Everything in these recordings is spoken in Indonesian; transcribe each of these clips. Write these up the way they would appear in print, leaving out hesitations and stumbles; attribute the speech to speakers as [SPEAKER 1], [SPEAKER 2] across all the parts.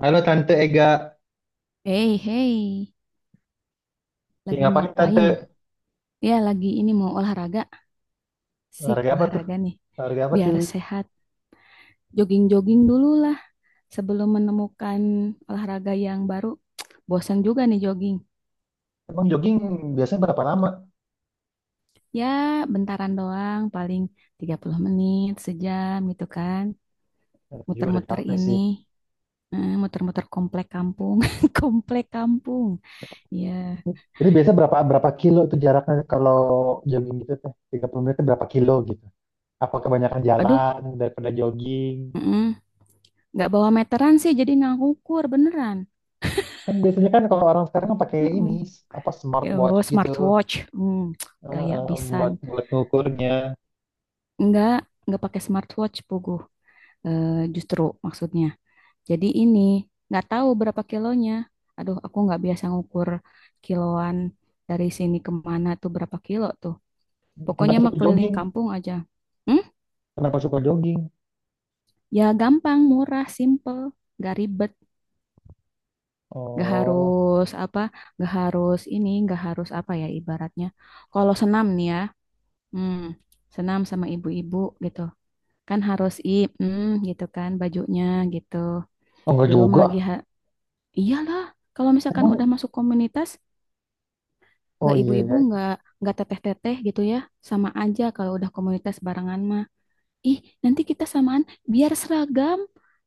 [SPEAKER 1] Halo Tante Ega,
[SPEAKER 2] Hey, hey,
[SPEAKER 1] ya,
[SPEAKER 2] lagi
[SPEAKER 1] ngapain Tante?
[SPEAKER 2] ngapain? Ya, lagi ini mau olahraga. Sik,
[SPEAKER 1] Olahraga apa tuh?
[SPEAKER 2] olahraga nih.
[SPEAKER 1] Olahraga apa tuh?
[SPEAKER 2] Biar sehat. Jogging-jogging dulu lah sebelum menemukan olahraga yang baru. Bosan juga nih jogging.
[SPEAKER 1] Emang jogging biasanya berapa lama?
[SPEAKER 2] Ya, bentaran doang, paling 30 menit, sejam gitu kan.
[SPEAKER 1] Nanti juga udah
[SPEAKER 2] Muter-muter
[SPEAKER 1] capek sih.
[SPEAKER 2] muter-muter komplek kampung. Komplek kampung. Ya,
[SPEAKER 1] Jadi biasanya berapa berapa kilo tuh jaraknya kalau jogging gitu teh? 30 menit tuh berapa kilo gitu? Apa kebanyakan
[SPEAKER 2] aduh,
[SPEAKER 1] jalan daripada jogging?
[SPEAKER 2] mm-mm. Nggak bawa meteran sih, jadi nggak ngukur beneran.
[SPEAKER 1] Kan biasanya kan kalau orang sekarang kan pakai ini apa smartwatch
[SPEAKER 2] Oh,
[SPEAKER 1] gitu
[SPEAKER 2] smartwatch. Gaya
[SPEAKER 1] buat
[SPEAKER 2] bisan.
[SPEAKER 1] buat ngukurnya.
[SPEAKER 2] Enggak, enggak pakai smartwatch, Pugu. Justru maksudnya. Jadi ini nggak tahu berapa kilonya. Aduh, aku nggak biasa ngukur kiloan dari sini kemana tuh berapa kilo tuh. Pokoknya
[SPEAKER 1] Kenapa
[SPEAKER 2] mah
[SPEAKER 1] suka
[SPEAKER 2] keliling
[SPEAKER 1] jogging?
[SPEAKER 2] kampung aja. Hmm?
[SPEAKER 1] Kenapa suka jogging?
[SPEAKER 2] Ya gampang, murah, simple, nggak ribet, nggak
[SPEAKER 1] Oh,
[SPEAKER 2] harus apa, nggak harus ini, nggak harus apa ya ibaratnya. Kalau senam nih ya, hmm, senam sama ibu-ibu gitu. Kan harus gitu kan bajunya gitu.
[SPEAKER 1] oh enggak
[SPEAKER 2] Belum lagi
[SPEAKER 1] juga.
[SPEAKER 2] iyalah kalau misalkan udah
[SPEAKER 1] Emang
[SPEAKER 2] masuk komunitas,
[SPEAKER 1] oh
[SPEAKER 2] nggak
[SPEAKER 1] iya,
[SPEAKER 2] ibu-ibu, nggak teteh-teteh gitu ya, sama aja kalau udah komunitas barengan mah. Ih, nanti kita samaan biar seragam,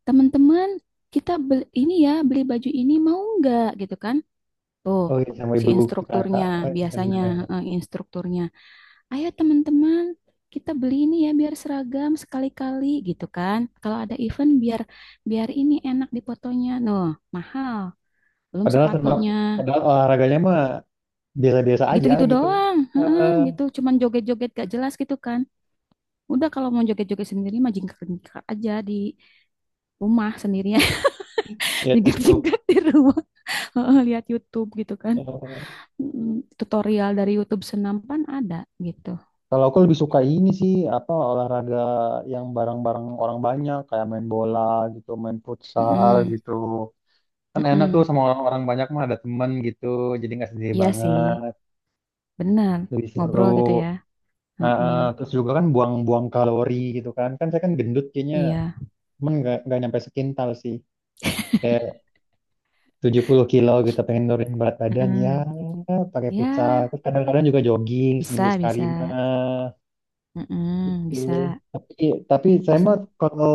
[SPEAKER 2] teman-teman kita beli ini ya, beli baju ini mau nggak gitu kan. Tuh
[SPEAKER 1] oh iya sama
[SPEAKER 2] si
[SPEAKER 1] ibu-ibu PKK.
[SPEAKER 2] instrukturnya
[SPEAKER 1] Oh, iya,
[SPEAKER 2] biasanya,
[SPEAKER 1] bener.
[SPEAKER 2] instrukturnya, ayo teman-teman kita beli ini ya biar seragam sekali-kali gitu kan. Kalau ada event biar biar ini enak dipotonya. Noh, mahal. Belum
[SPEAKER 1] Padahal tenang,
[SPEAKER 2] sepatunya.
[SPEAKER 1] padahal olahraganya mah biasa-biasa aja
[SPEAKER 2] Gitu-gitu
[SPEAKER 1] gitu.
[SPEAKER 2] doang. Heeh,
[SPEAKER 1] Eh,
[SPEAKER 2] gitu cuman joget-joget gak jelas gitu kan. Udah kalau mau joget-joget sendiri mah jingkrak-jingkrak aja di rumah sendirian.
[SPEAKER 1] ya tutup.
[SPEAKER 2] Jingkrak-jingkrak di rumah. Heeh, lihat YouTube gitu kan.
[SPEAKER 1] Eh,
[SPEAKER 2] Tutorial dari YouTube senampan ada gitu.
[SPEAKER 1] kalau aku lebih suka ini sih apa olahraga yang bareng-bareng orang banyak kayak main bola gitu, main futsal
[SPEAKER 2] Mm-mm,
[SPEAKER 1] gitu. Kan enak tuh
[SPEAKER 2] mm-mm.
[SPEAKER 1] sama orang-orang banyak mah ada temen gitu, jadi nggak sendiri
[SPEAKER 2] Iya sih,
[SPEAKER 1] banget,
[SPEAKER 2] benar.
[SPEAKER 1] lebih
[SPEAKER 2] Ngobrol
[SPEAKER 1] seru.
[SPEAKER 2] gitu ya.
[SPEAKER 1] Nah,
[SPEAKER 2] Heeh,
[SPEAKER 1] Terus juga kan buang-buang kalori gitu kan. Kan saya kan gendut kayaknya,
[SPEAKER 2] iya.
[SPEAKER 1] cuman nggak nyampe sekintal sih. 70 kilo gitu pengen nurunin berat badan ya,
[SPEAKER 2] Mm.
[SPEAKER 1] pakai futsal
[SPEAKER 2] Ya,
[SPEAKER 1] terus kadang-kadang juga jogging
[SPEAKER 2] bisa,
[SPEAKER 1] seminggu sekali
[SPEAKER 2] bisa.
[SPEAKER 1] mah
[SPEAKER 2] Heeh,
[SPEAKER 1] gitu.
[SPEAKER 2] bisa,
[SPEAKER 1] tapi tapi saya mah
[SPEAKER 2] bisa.
[SPEAKER 1] kalau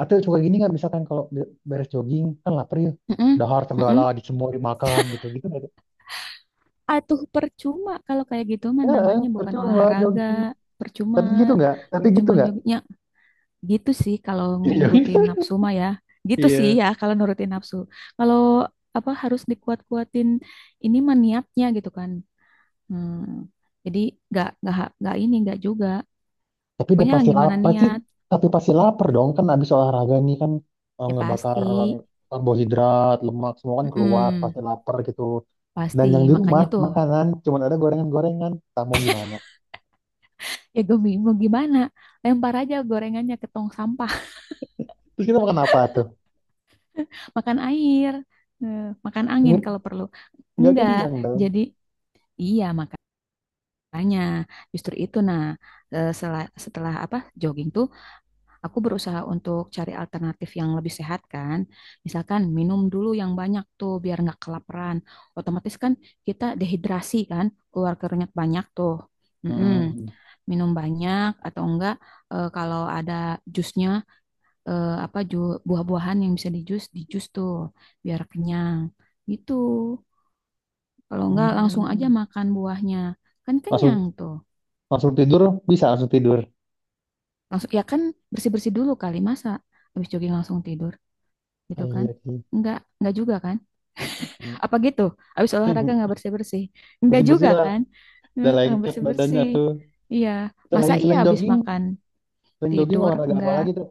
[SPEAKER 1] atau suka gini nggak, misalkan kalau beres jogging kan lapar ya,
[SPEAKER 2] Heeh,
[SPEAKER 1] dahar segala
[SPEAKER 2] heeh.
[SPEAKER 1] di semua dimakan gitu, gitu nggak tuh?
[SPEAKER 2] Atuh percuma kalau kayak gitu mah
[SPEAKER 1] Ya
[SPEAKER 2] namanya bukan
[SPEAKER 1] percuma
[SPEAKER 2] olahraga.
[SPEAKER 1] jogging
[SPEAKER 2] Percuma,
[SPEAKER 1] tapi gitu nggak, tapi gitu
[SPEAKER 2] percuma
[SPEAKER 1] nggak.
[SPEAKER 2] jognya. Gitu sih kalau
[SPEAKER 1] Jadi
[SPEAKER 2] nurutin
[SPEAKER 1] jogging.
[SPEAKER 2] nafsu mah ya. Gitu sih
[SPEAKER 1] Iya.
[SPEAKER 2] ya kalau nurutin nafsu. Kalau apa, harus dikuat-kuatin ini mah niatnya gitu kan. Hmm. Jadi nggak ini nggak juga.
[SPEAKER 1] Tapi udah
[SPEAKER 2] Pokoknya
[SPEAKER 1] pasti lapar
[SPEAKER 2] gimana
[SPEAKER 1] pasti,
[SPEAKER 2] niat,
[SPEAKER 1] tapi pasti lapar dong kan abis olahraga nih kan,
[SPEAKER 2] ya
[SPEAKER 1] ngebakar
[SPEAKER 2] pasti.
[SPEAKER 1] karbohidrat, lemak semua kan keluar
[SPEAKER 2] Mm-mm.
[SPEAKER 1] pasti lapar gitu.
[SPEAKER 2] Pasti,
[SPEAKER 1] Dan yang di rumah
[SPEAKER 2] makanya tuh
[SPEAKER 1] makanan cuman ada gorengan-gorengan. Tak mau gimana?
[SPEAKER 2] ya gue bingung gimana. Lempar aja gorengannya ke tong sampah,
[SPEAKER 1] Terus kita makan apa tuh?
[SPEAKER 2] makan eh, makan angin
[SPEAKER 1] Nge-
[SPEAKER 2] kalau perlu.
[SPEAKER 1] Nggak
[SPEAKER 2] Enggak,
[SPEAKER 1] kenyang dong.
[SPEAKER 2] jadi iya, makanya justru itu. Nah, setelah apa jogging tuh, aku berusaha untuk cari alternatif yang lebih sehat kan. Misalkan minum dulu yang banyak tuh biar nggak kelaparan. Otomatis kan kita dehidrasi kan, keluar keringat banyak tuh. Mm-mm.
[SPEAKER 1] Hmm.
[SPEAKER 2] Minum banyak atau enggak, kalau ada jusnya, buah-buahan yang bisa dijus, dijus tuh biar kenyang. Gitu. Kalau enggak langsung aja
[SPEAKER 1] Hmm.
[SPEAKER 2] makan buahnya. Kan
[SPEAKER 1] Langsung
[SPEAKER 2] kenyang tuh.
[SPEAKER 1] langsung tidur, bisa langsung tidur.
[SPEAKER 2] Langsung ya kan, bersih-bersih dulu kali, masa habis jogging langsung tidur.
[SPEAKER 1] Ah,
[SPEAKER 2] Gitu kan?
[SPEAKER 1] iya sih.
[SPEAKER 2] Enggak juga kan? Apa gitu? Habis olahraga enggak bersih-bersih? Enggak
[SPEAKER 1] Besi-besi
[SPEAKER 2] juga
[SPEAKER 1] lah,
[SPEAKER 2] kan?
[SPEAKER 1] udah
[SPEAKER 2] Heeh,
[SPEAKER 1] lengket badannya
[SPEAKER 2] bersih-bersih.
[SPEAKER 1] tuh.
[SPEAKER 2] Iya, masa
[SPEAKER 1] Selain
[SPEAKER 2] iya habis makan
[SPEAKER 1] selain jogging
[SPEAKER 2] tidur
[SPEAKER 1] olahraga apa
[SPEAKER 2] enggak?
[SPEAKER 1] lagi tuh?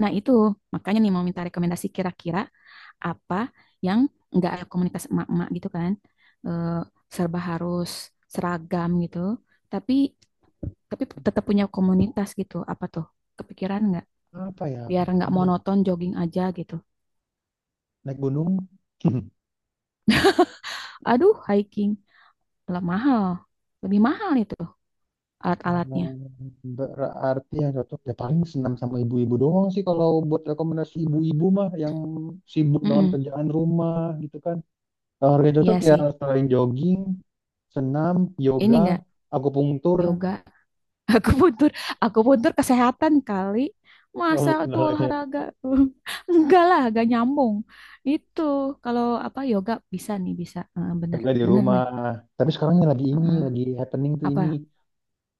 [SPEAKER 2] Nah, itu makanya nih mau minta rekomendasi kira-kira apa yang enggak ada komunitas emak-emak gitu kan? Eh, Serba harus seragam gitu, tapi tapi tetap punya komunitas gitu. Apa tuh? Kepikiran enggak?
[SPEAKER 1] Apa ya?
[SPEAKER 2] Biar enggak
[SPEAKER 1] Bias-
[SPEAKER 2] monoton jogging aja gitu.
[SPEAKER 1] Naik gunung.
[SPEAKER 2] Aduh, hiking. Alat mahal. Lebih mahal itu
[SPEAKER 1] Eh,
[SPEAKER 2] alat-alatnya.
[SPEAKER 1] Berarti yang cocok ya paling senam sama ibu-ibu doang sih, kalau buat rekomendasi ibu-ibu mah yang sibuk dengan
[SPEAKER 2] Mm-mm.
[SPEAKER 1] kerjaan rumah gitu kan. Olahraga yang cocok
[SPEAKER 2] Iya
[SPEAKER 1] ya
[SPEAKER 2] sih.
[SPEAKER 1] selain jogging, senam,
[SPEAKER 2] Ini
[SPEAKER 1] yoga,
[SPEAKER 2] enggak
[SPEAKER 1] akupunktur.
[SPEAKER 2] yoga. Aku butuh aku butuh kesehatan kali.
[SPEAKER 1] Oh,
[SPEAKER 2] Masa
[SPEAKER 1] bukan
[SPEAKER 2] itu
[SPEAKER 1] olahraga.
[SPEAKER 2] olahraga? Enggak lah, enggak nyambung. Itu kalau apa, yoga bisa nih, bisa. Bener,
[SPEAKER 1] Yoga di
[SPEAKER 2] bener
[SPEAKER 1] rumah.
[SPEAKER 2] nih.
[SPEAKER 1] Tapi sekarang yang lagi ini,
[SPEAKER 2] Heeh.
[SPEAKER 1] lagi happening tuh
[SPEAKER 2] Apa
[SPEAKER 1] ini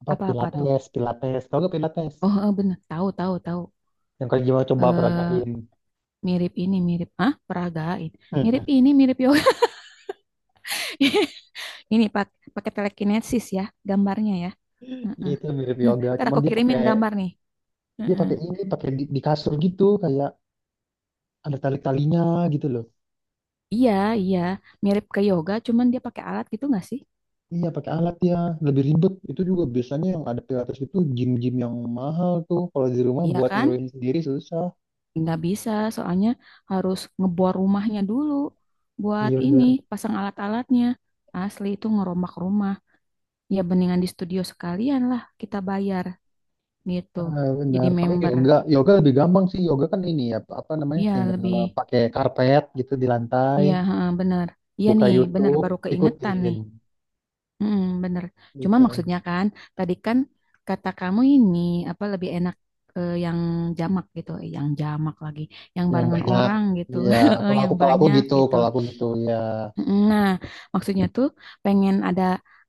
[SPEAKER 1] apa,
[SPEAKER 2] apa apa tuh?
[SPEAKER 1] Pilates, Pilates. Tahu gak Pilates?
[SPEAKER 2] Oh, bener. Tahu, tahu, tahu.
[SPEAKER 1] Yang kalau gimana coba
[SPEAKER 2] Eh
[SPEAKER 1] peragain.
[SPEAKER 2] mirip ini, mirip ah, peragain. Mirip ini, mirip yoga. Ini pakai telekinesis ya gambarnya ya. Heeh.
[SPEAKER 1] Itu mirip
[SPEAKER 2] Nah,
[SPEAKER 1] yoga,
[SPEAKER 2] ntar
[SPEAKER 1] cuman
[SPEAKER 2] aku
[SPEAKER 1] dia
[SPEAKER 2] kirimin
[SPEAKER 1] pakai,
[SPEAKER 2] gambar nih.
[SPEAKER 1] dia
[SPEAKER 2] Heeh.
[SPEAKER 1] pakai ini, pakai di kasur gitu kayak ada tali-talinya gitu loh.
[SPEAKER 2] Iya, iya, mirip ke yoga, cuman dia pakai alat gitu nggak sih?
[SPEAKER 1] Iya pakai alat ya, lebih ribet. Itu juga biasanya yang ada pilates itu gym-gym yang mahal tuh. Kalau di rumah
[SPEAKER 2] Iya
[SPEAKER 1] buat
[SPEAKER 2] kan?
[SPEAKER 1] niruin sendiri susah.
[SPEAKER 2] Nggak bisa, soalnya harus ngebor rumahnya dulu buat
[SPEAKER 1] Iya
[SPEAKER 2] ini,
[SPEAKER 1] benar.
[SPEAKER 2] pasang alat-alatnya. Asli itu ngerombak rumah. Ya beningan di studio sekalian lah kita bayar gitu.
[SPEAKER 1] Ah,
[SPEAKER 2] Jadi
[SPEAKER 1] benar. Paling
[SPEAKER 2] member.
[SPEAKER 1] yoga, yoga lebih gampang sih. Yoga kan ini ya, apa namanya?
[SPEAKER 2] Iya
[SPEAKER 1] Tinggal
[SPEAKER 2] lebih,
[SPEAKER 1] pakai karpet gitu di lantai,
[SPEAKER 2] iya heeh, bener. Iya
[SPEAKER 1] buka
[SPEAKER 2] nih, bener
[SPEAKER 1] YouTube,
[SPEAKER 2] baru keingetan
[SPEAKER 1] ikutin
[SPEAKER 2] nih. Bener. Cuma
[SPEAKER 1] gitu.
[SPEAKER 2] maksudnya kan, tadi kan kata kamu ini apa, lebih enak yang jamak gitu, yang jamak lagi, yang
[SPEAKER 1] Yang
[SPEAKER 2] barengan
[SPEAKER 1] banyak.
[SPEAKER 2] orang gitu,
[SPEAKER 1] Iya, kalau
[SPEAKER 2] yang
[SPEAKER 1] aku,
[SPEAKER 2] banyak gitu.
[SPEAKER 1] kalau aku gitu ya,
[SPEAKER 2] Nah, maksudnya tuh pengen ada,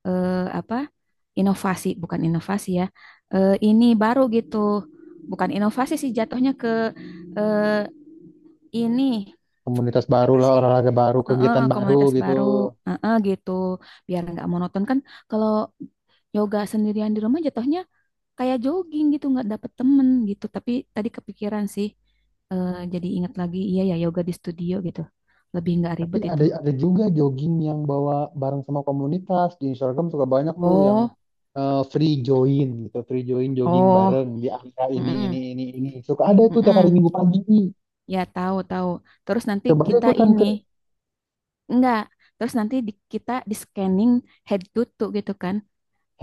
[SPEAKER 2] eh, apa, inovasi, bukan inovasi ya, ini baru gitu, bukan inovasi sih, jatuhnya ke, eh, ini.
[SPEAKER 1] komunitas baru
[SPEAKER 2] Apa
[SPEAKER 1] lah,
[SPEAKER 2] sih?
[SPEAKER 1] olahraga baru, kegiatan baru
[SPEAKER 2] Komunitas
[SPEAKER 1] gitu.
[SPEAKER 2] baru, gitu, biar nggak monoton kan, kalau yoga sendirian di rumah jatuhnya kayak jogging gitu, nggak dapet temen gitu. Tapi tadi kepikiran sih, jadi ingat lagi, iya ya, yoga di studio gitu lebih nggak
[SPEAKER 1] Tapi
[SPEAKER 2] ribet itu.
[SPEAKER 1] ada juga jogging yang bawa bareng sama komunitas di Instagram, suka banyak tuh yang
[SPEAKER 2] Oh.
[SPEAKER 1] free join gitu, free join jogging
[SPEAKER 2] Oh,
[SPEAKER 1] bareng di area
[SPEAKER 2] mm-mm,
[SPEAKER 1] ini ini. Suka ada itu tiap hari
[SPEAKER 2] mm-mm.
[SPEAKER 1] Minggu pagi.
[SPEAKER 2] Ya tahu, tahu. Terus nanti
[SPEAKER 1] Coba aja
[SPEAKER 2] kita
[SPEAKER 1] ikutan
[SPEAKER 2] ini,
[SPEAKER 1] ke
[SPEAKER 2] enggak, terus nanti kita di scanning head to toe gitu kan.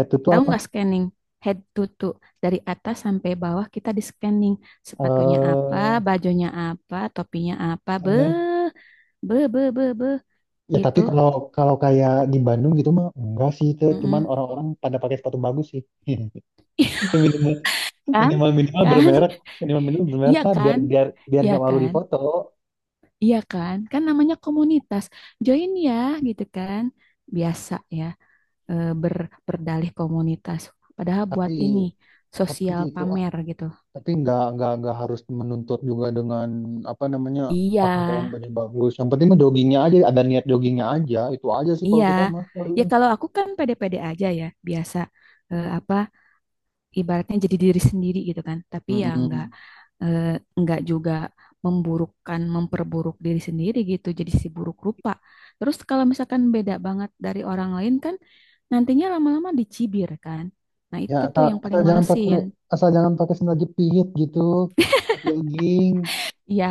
[SPEAKER 1] itu tuh
[SPEAKER 2] Tahu
[SPEAKER 1] apa?
[SPEAKER 2] nggak scanning? Head to toe. Dari atas sampai bawah kita di scanning. Sepatunya apa,
[SPEAKER 1] Eh
[SPEAKER 2] bajunya apa, topinya apa. Be,
[SPEAKER 1] apa?
[SPEAKER 2] be, be, be, be.
[SPEAKER 1] Ya tapi
[SPEAKER 2] Gitu.
[SPEAKER 1] kalau kalau kayak di Bandung gitu mah enggak sih, itu cuman
[SPEAKER 2] Mm-mm.
[SPEAKER 1] orang-orang pada pakai sepatu bagus sih. Ya minimal,
[SPEAKER 2] Kan?
[SPEAKER 1] minimal
[SPEAKER 2] Kan?
[SPEAKER 1] bermerek, minimal minimal bermerek
[SPEAKER 2] Iya
[SPEAKER 1] lah, biar
[SPEAKER 2] kan?
[SPEAKER 1] biar biar
[SPEAKER 2] Iya
[SPEAKER 1] nggak malu di
[SPEAKER 2] kan?
[SPEAKER 1] foto.
[SPEAKER 2] Iya kan? Kan namanya komunitas. Join ya, gitu kan? Biasa ya, eh, ber, berdalih komunitas. Padahal buat
[SPEAKER 1] Tapi
[SPEAKER 2] ini,
[SPEAKER 1] tapi
[SPEAKER 2] sosial
[SPEAKER 1] itu,
[SPEAKER 2] pamer gitu.
[SPEAKER 1] tapi nggak harus menuntut juga dengan apa namanya,
[SPEAKER 2] Iya,
[SPEAKER 1] pakaian baju bagus. Yang penting mah joggingnya aja, ada niat joggingnya aja. Itu aja sih kalau
[SPEAKER 2] iya,
[SPEAKER 1] kita mah.
[SPEAKER 2] ya kalau aku kan pede-pede aja ya, biasa apa ibaratnya, jadi diri sendiri gitu kan. Tapi ya
[SPEAKER 1] Mm-mm.
[SPEAKER 2] eh, nggak juga memburukkan, memperburuk diri sendiri gitu. Jadi si buruk rupa. Terus kalau misalkan beda banget dari orang lain kan, nantinya lama-lama dicibir kan. Nah
[SPEAKER 1] Ya
[SPEAKER 2] itu tuh
[SPEAKER 1] asal,
[SPEAKER 2] yang
[SPEAKER 1] asal
[SPEAKER 2] paling
[SPEAKER 1] jangan pakai,
[SPEAKER 2] malesin.
[SPEAKER 1] asal jangan pakai sandal jepit gitu. Pas jogging,
[SPEAKER 2] Iya,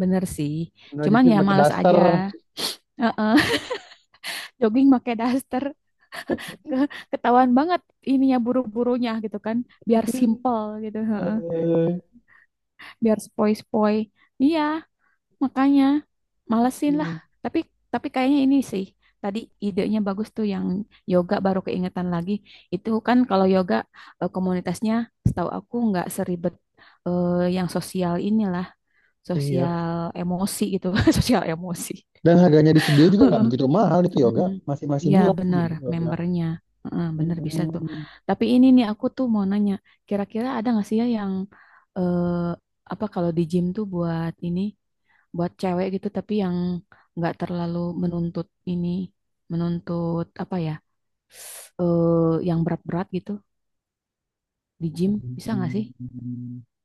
[SPEAKER 2] bener sih.
[SPEAKER 1] sandal
[SPEAKER 2] Cuman
[SPEAKER 1] jepit
[SPEAKER 2] ya
[SPEAKER 1] pakai
[SPEAKER 2] males
[SPEAKER 1] daster.
[SPEAKER 2] aja. Heeh, jogging pakai daster. Ketahuan banget ininya, buru-burunya gitu kan, biar simple gitu heeh.
[SPEAKER 1] Eh,
[SPEAKER 2] Biar spoi-spoi, iya, makanya malesin lah. tapi tapi kayaknya ini sih, tadi idenya bagus tuh, yang yoga, baru keingetan lagi. Itu kan kalau yoga, komunitasnya setahu aku nggak seribet yang sosial inilah,
[SPEAKER 1] iya.
[SPEAKER 2] sosial emosi gitu. Sosial emosi.
[SPEAKER 1] Dan harganya di studio juga nggak begitu mahal itu yoga,
[SPEAKER 2] Mm-mm.
[SPEAKER 1] masih masih
[SPEAKER 2] Iya
[SPEAKER 1] murah sih
[SPEAKER 2] benar
[SPEAKER 1] yoga.
[SPEAKER 2] membernya. Heeh, benar, bisa tuh.
[SPEAKER 1] Mm-mm.
[SPEAKER 2] Tapi ini nih aku tuh mau nanya, kira-kira ada nggak sih ya yang, apa, kalau di gym tuh buat ini, buat cewek gitu tapi yang nggak terlalu menuntut ini, menuntut apa ya, eh yang berat-berat gitu, di gym, bisa nggak sih?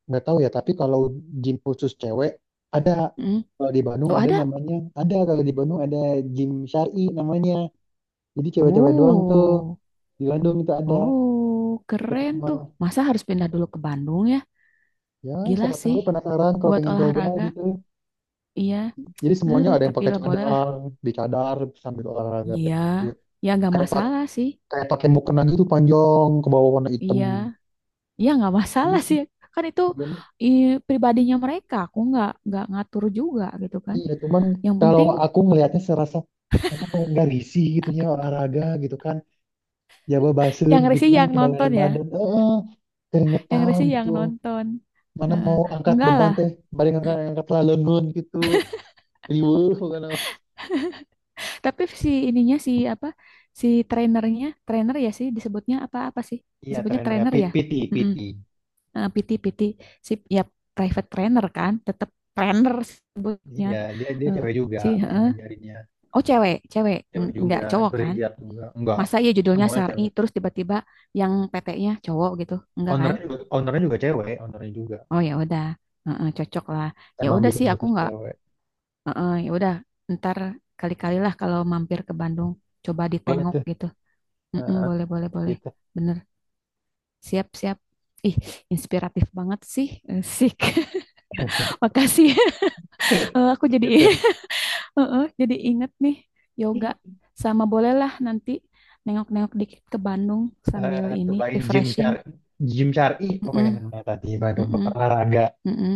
[SPEAKER 1] Nggak tahu ya, tapi kalau gym khusus cewek ada,
[SPEAKER 2] Mm.
[SPEAKER 1] kalau di Bandung
[SPEAKER 2] Oh
[SPEAKER 1] ada
[SPEAKER 2] ada.
[SPEAKER 1] namanya, ada kalau di Bandung ada gym syari namanya, jadi cewek-cewek doang tuh,
[SPEAKER 2] Oh,
[SPEAKER 1] di Bandung itu ada,
[SPEAKER 2] oh,
[SPEAKER 1] deket
[SPEAKER 2] keren tuh.
[SPEAKER 1] rumah.
[SPEAKER 2] Masa harus pindah dulu ke Bandung ya?
[SPEAKER 1] Ya
[SPEAKER 2] Gila
[SPEAKER 1] siapa tahu
[SPEAKER 2] sih,
[SPEAKER 1] penasaran kalau
[SPEAKER 2] buat
[SPEAKER 1] pengen coba
[SPEAKER 2] olahraga,
[SPEAKER 1] gitu.
[SPEAKER 2] iya.
[SPEAKER 1] Jadi semuanya ada yang
[SPEAKER 2] Tapi
[SPEAKER 1] pakai
[SPEAKER 2] lah boleh lah.
[SPEAKER 1] cadar, di cadar sambil olahraga kayak
[SPEAKER 2] Iya, ya nggak
[SPEAKER 1] kayak pak-
[SPEAKER 2] masalah sih.
[SPEAKER 1] kayak pakai mukena gitu panjang ke bawah warna hitam.
[SPEAKER 2] Iya, ya nggak masalah sih. Kan itu
[SPEAKER 1] Gitu.
[SPEAKER 2] eh, pribadinya mereka. Aku nggak ngatur juga gitu kan.
[SPEAKER 1] Iya, cuman
[SPEAKER 2] Yang
[SPEAKER 1] kalau
[SPEAKER 2] penting,
[SPEAKER 1] aku ngelihatnya serasa emang nggak risih gitunya olahraga gitu kan, jaba basah
[SPEAKER 2] yang
[SPEAKER 1] gitu
[SPEAKER 2] risih
[SPEAKER 1] kan
[SPEAKER 2] yang nonton
[SPEAKER 1] kebanyakan
[SPEAKER 2] ya.
[SPEAKER 1] badan, eh,
[SPEAKER 2] Yang
[SPEAKER 1] keringetan
[SPEAKER 2] risih
[SPEAKER 1] gitu.
[SPEAKER 2] yang nonton.
[SPEAKER 1] Mana
[SPEAKER 2] Heeh.
[SPEAKER 1] mau angkat
[SPEAKER 2] Enggak
[SPEAKER 1] beban
[SPEAKER 2] lah.
[SPEAKER 1] teh, balik angkat angkat lah gitu, riweuh bukan?
[SPEAKER 2] Tapi si ininya si apa? Si trainernya, trainer ya sih disebutnya, apa apa sih?
[SPEAKER 1] Iya,
[SPEAKER 2] Disebutnya
[SPEAKER 1] trenernya
[SPEAKER 2] trainer ya.
[SPEAKER 1] PT,
[SPEAKER 2] Mm-mm.
[SPEAKER 1] PT.
[SPEAKER 2] PT PT si ya, private trainer kan, tetap trainer sebutnya.
[SPEAKER 1] Iya, dia dia
[SPEAKER 2] Eh,
[SPEAKER 1] cewek juga
[SPEAKER 2] si
[SPEAKER 1] yang
[SPEAKER 2] heeh.
[SPEAKER 1] ngajarinnya.
[SPEAKER 2] Oh cewek, cewek,
[SPEAKER 1] Cewek
[SPEAKER 2] Nggak
[SPEAKER 1] juga,
[SPEAKER 2] cowok kan?
[SPEAKER 1] berhijab juga. Enggak,
[SPEAKER 2] Masa iya judulnya
[SPEAKER 1] semuanya
[SPEAKER 2] Sari
[SPEAKER 1] cewek.
[SPEAKER 2] terus tiba-tiba yang PT-nya cowok gitu, enggak kan?
[SPEAKER 1] Ownernya juga cewek, ownernya juga.
[SPEAKER 2] Oh ya udah. Heeh, cocok lah. Ya
[SPEAKER 1] Emang
[SPEAKER 2] udah sih,
[SPEAKER 1] bikin
[SPEAKER 2] aku
[SPEAKER 1] khusus
[SPEAKER 2] nggak.
[SPEAKER 1] cewek.
[SPEAKER 2] Heeh, ya udah, ntar kali-kali lah kalau mampir ke Bandung, coba
[SPEAKER 1] Boleh
[SPEAKER 2] ditengok
[SPEAKER 1] tuh,
[SPEAKER 2] gitu. Mm-mm,
[SPEAKER 1] heeh,
[SPEAKER 2] boleh, boleh, boleh.
[SPEAKER 1] gitu.
[SPEAKER 2] Bener, siap, siap. Ih, inspiratif banget sih, sik. Makasih. Aku jadi
[SPEAKER 1] Gitu.
[SPEAKER 2] heeh, jadi inget nih yoga, sama bolehlah nanti nengok-nengok dikit ke Bandung sambil
[SPEAKER 1] Eh
[SPEAKER 2] ini
[SPEAKER 1] Dubai Gym Syari,
[SPEAKER 2] refreshing.
[SPEAKER 1] Gym Syari
[SPEAKER 2] Mm-mm,
[SPEAKER 1] pokoknya namanya tadi Bandung
[SPEAKER 2] mm-mm,
[SPEAKER 1] olahraga.
[SPEAKER 2] mm-mm.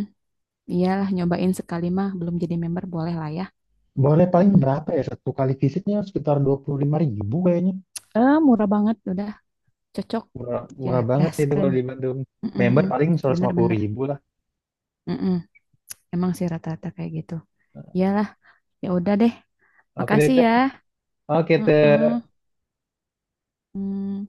[SPEAKER 2] Iyalah, nyobain sekali mah belum jadi member boleh lah ya.
[SPEAKER 1] Boleh paling
[SPEAKER 2] Mm-mm.
[SPEAKER 1] berapa ya? Satu kali visitnya sekitar 25 ribu kayaknya.
[SPEAKER 2] Murah banget, udah cocok
[SPEAKER 1] Murah,
[SPEAKER 2] ya,
[SPEAKER 1] murah banget sih itu
[SPEAKER 2] gaskeun.
[SPEAKER 1] kalau di Bandung.
[SPEAKER 2] Mm-mm,
[SPEAKER 1] Member
[SPEAKER 2] mm-mm.
[SPEAKER 1] paling seratus lima puluh
[SPEAKER 2] Bener-bener.
[SPEAKER 1] ribu lah.
[SPEAKER 2] Mm-mm. Emang sih rata-rata kayak gitu. Iyalah, ya udah deh.
[SPEAKER 1] Oke deh,
[SPEAKER 2] Makasih
[SPEAKER 1] Teh.
[SPEAKER 2] ya.
[SPEAKER 1] Oke,
[SPEAKER 2] Heeh.
[SPEAKER 1] Teh.
[SPEAKER 2] Mm.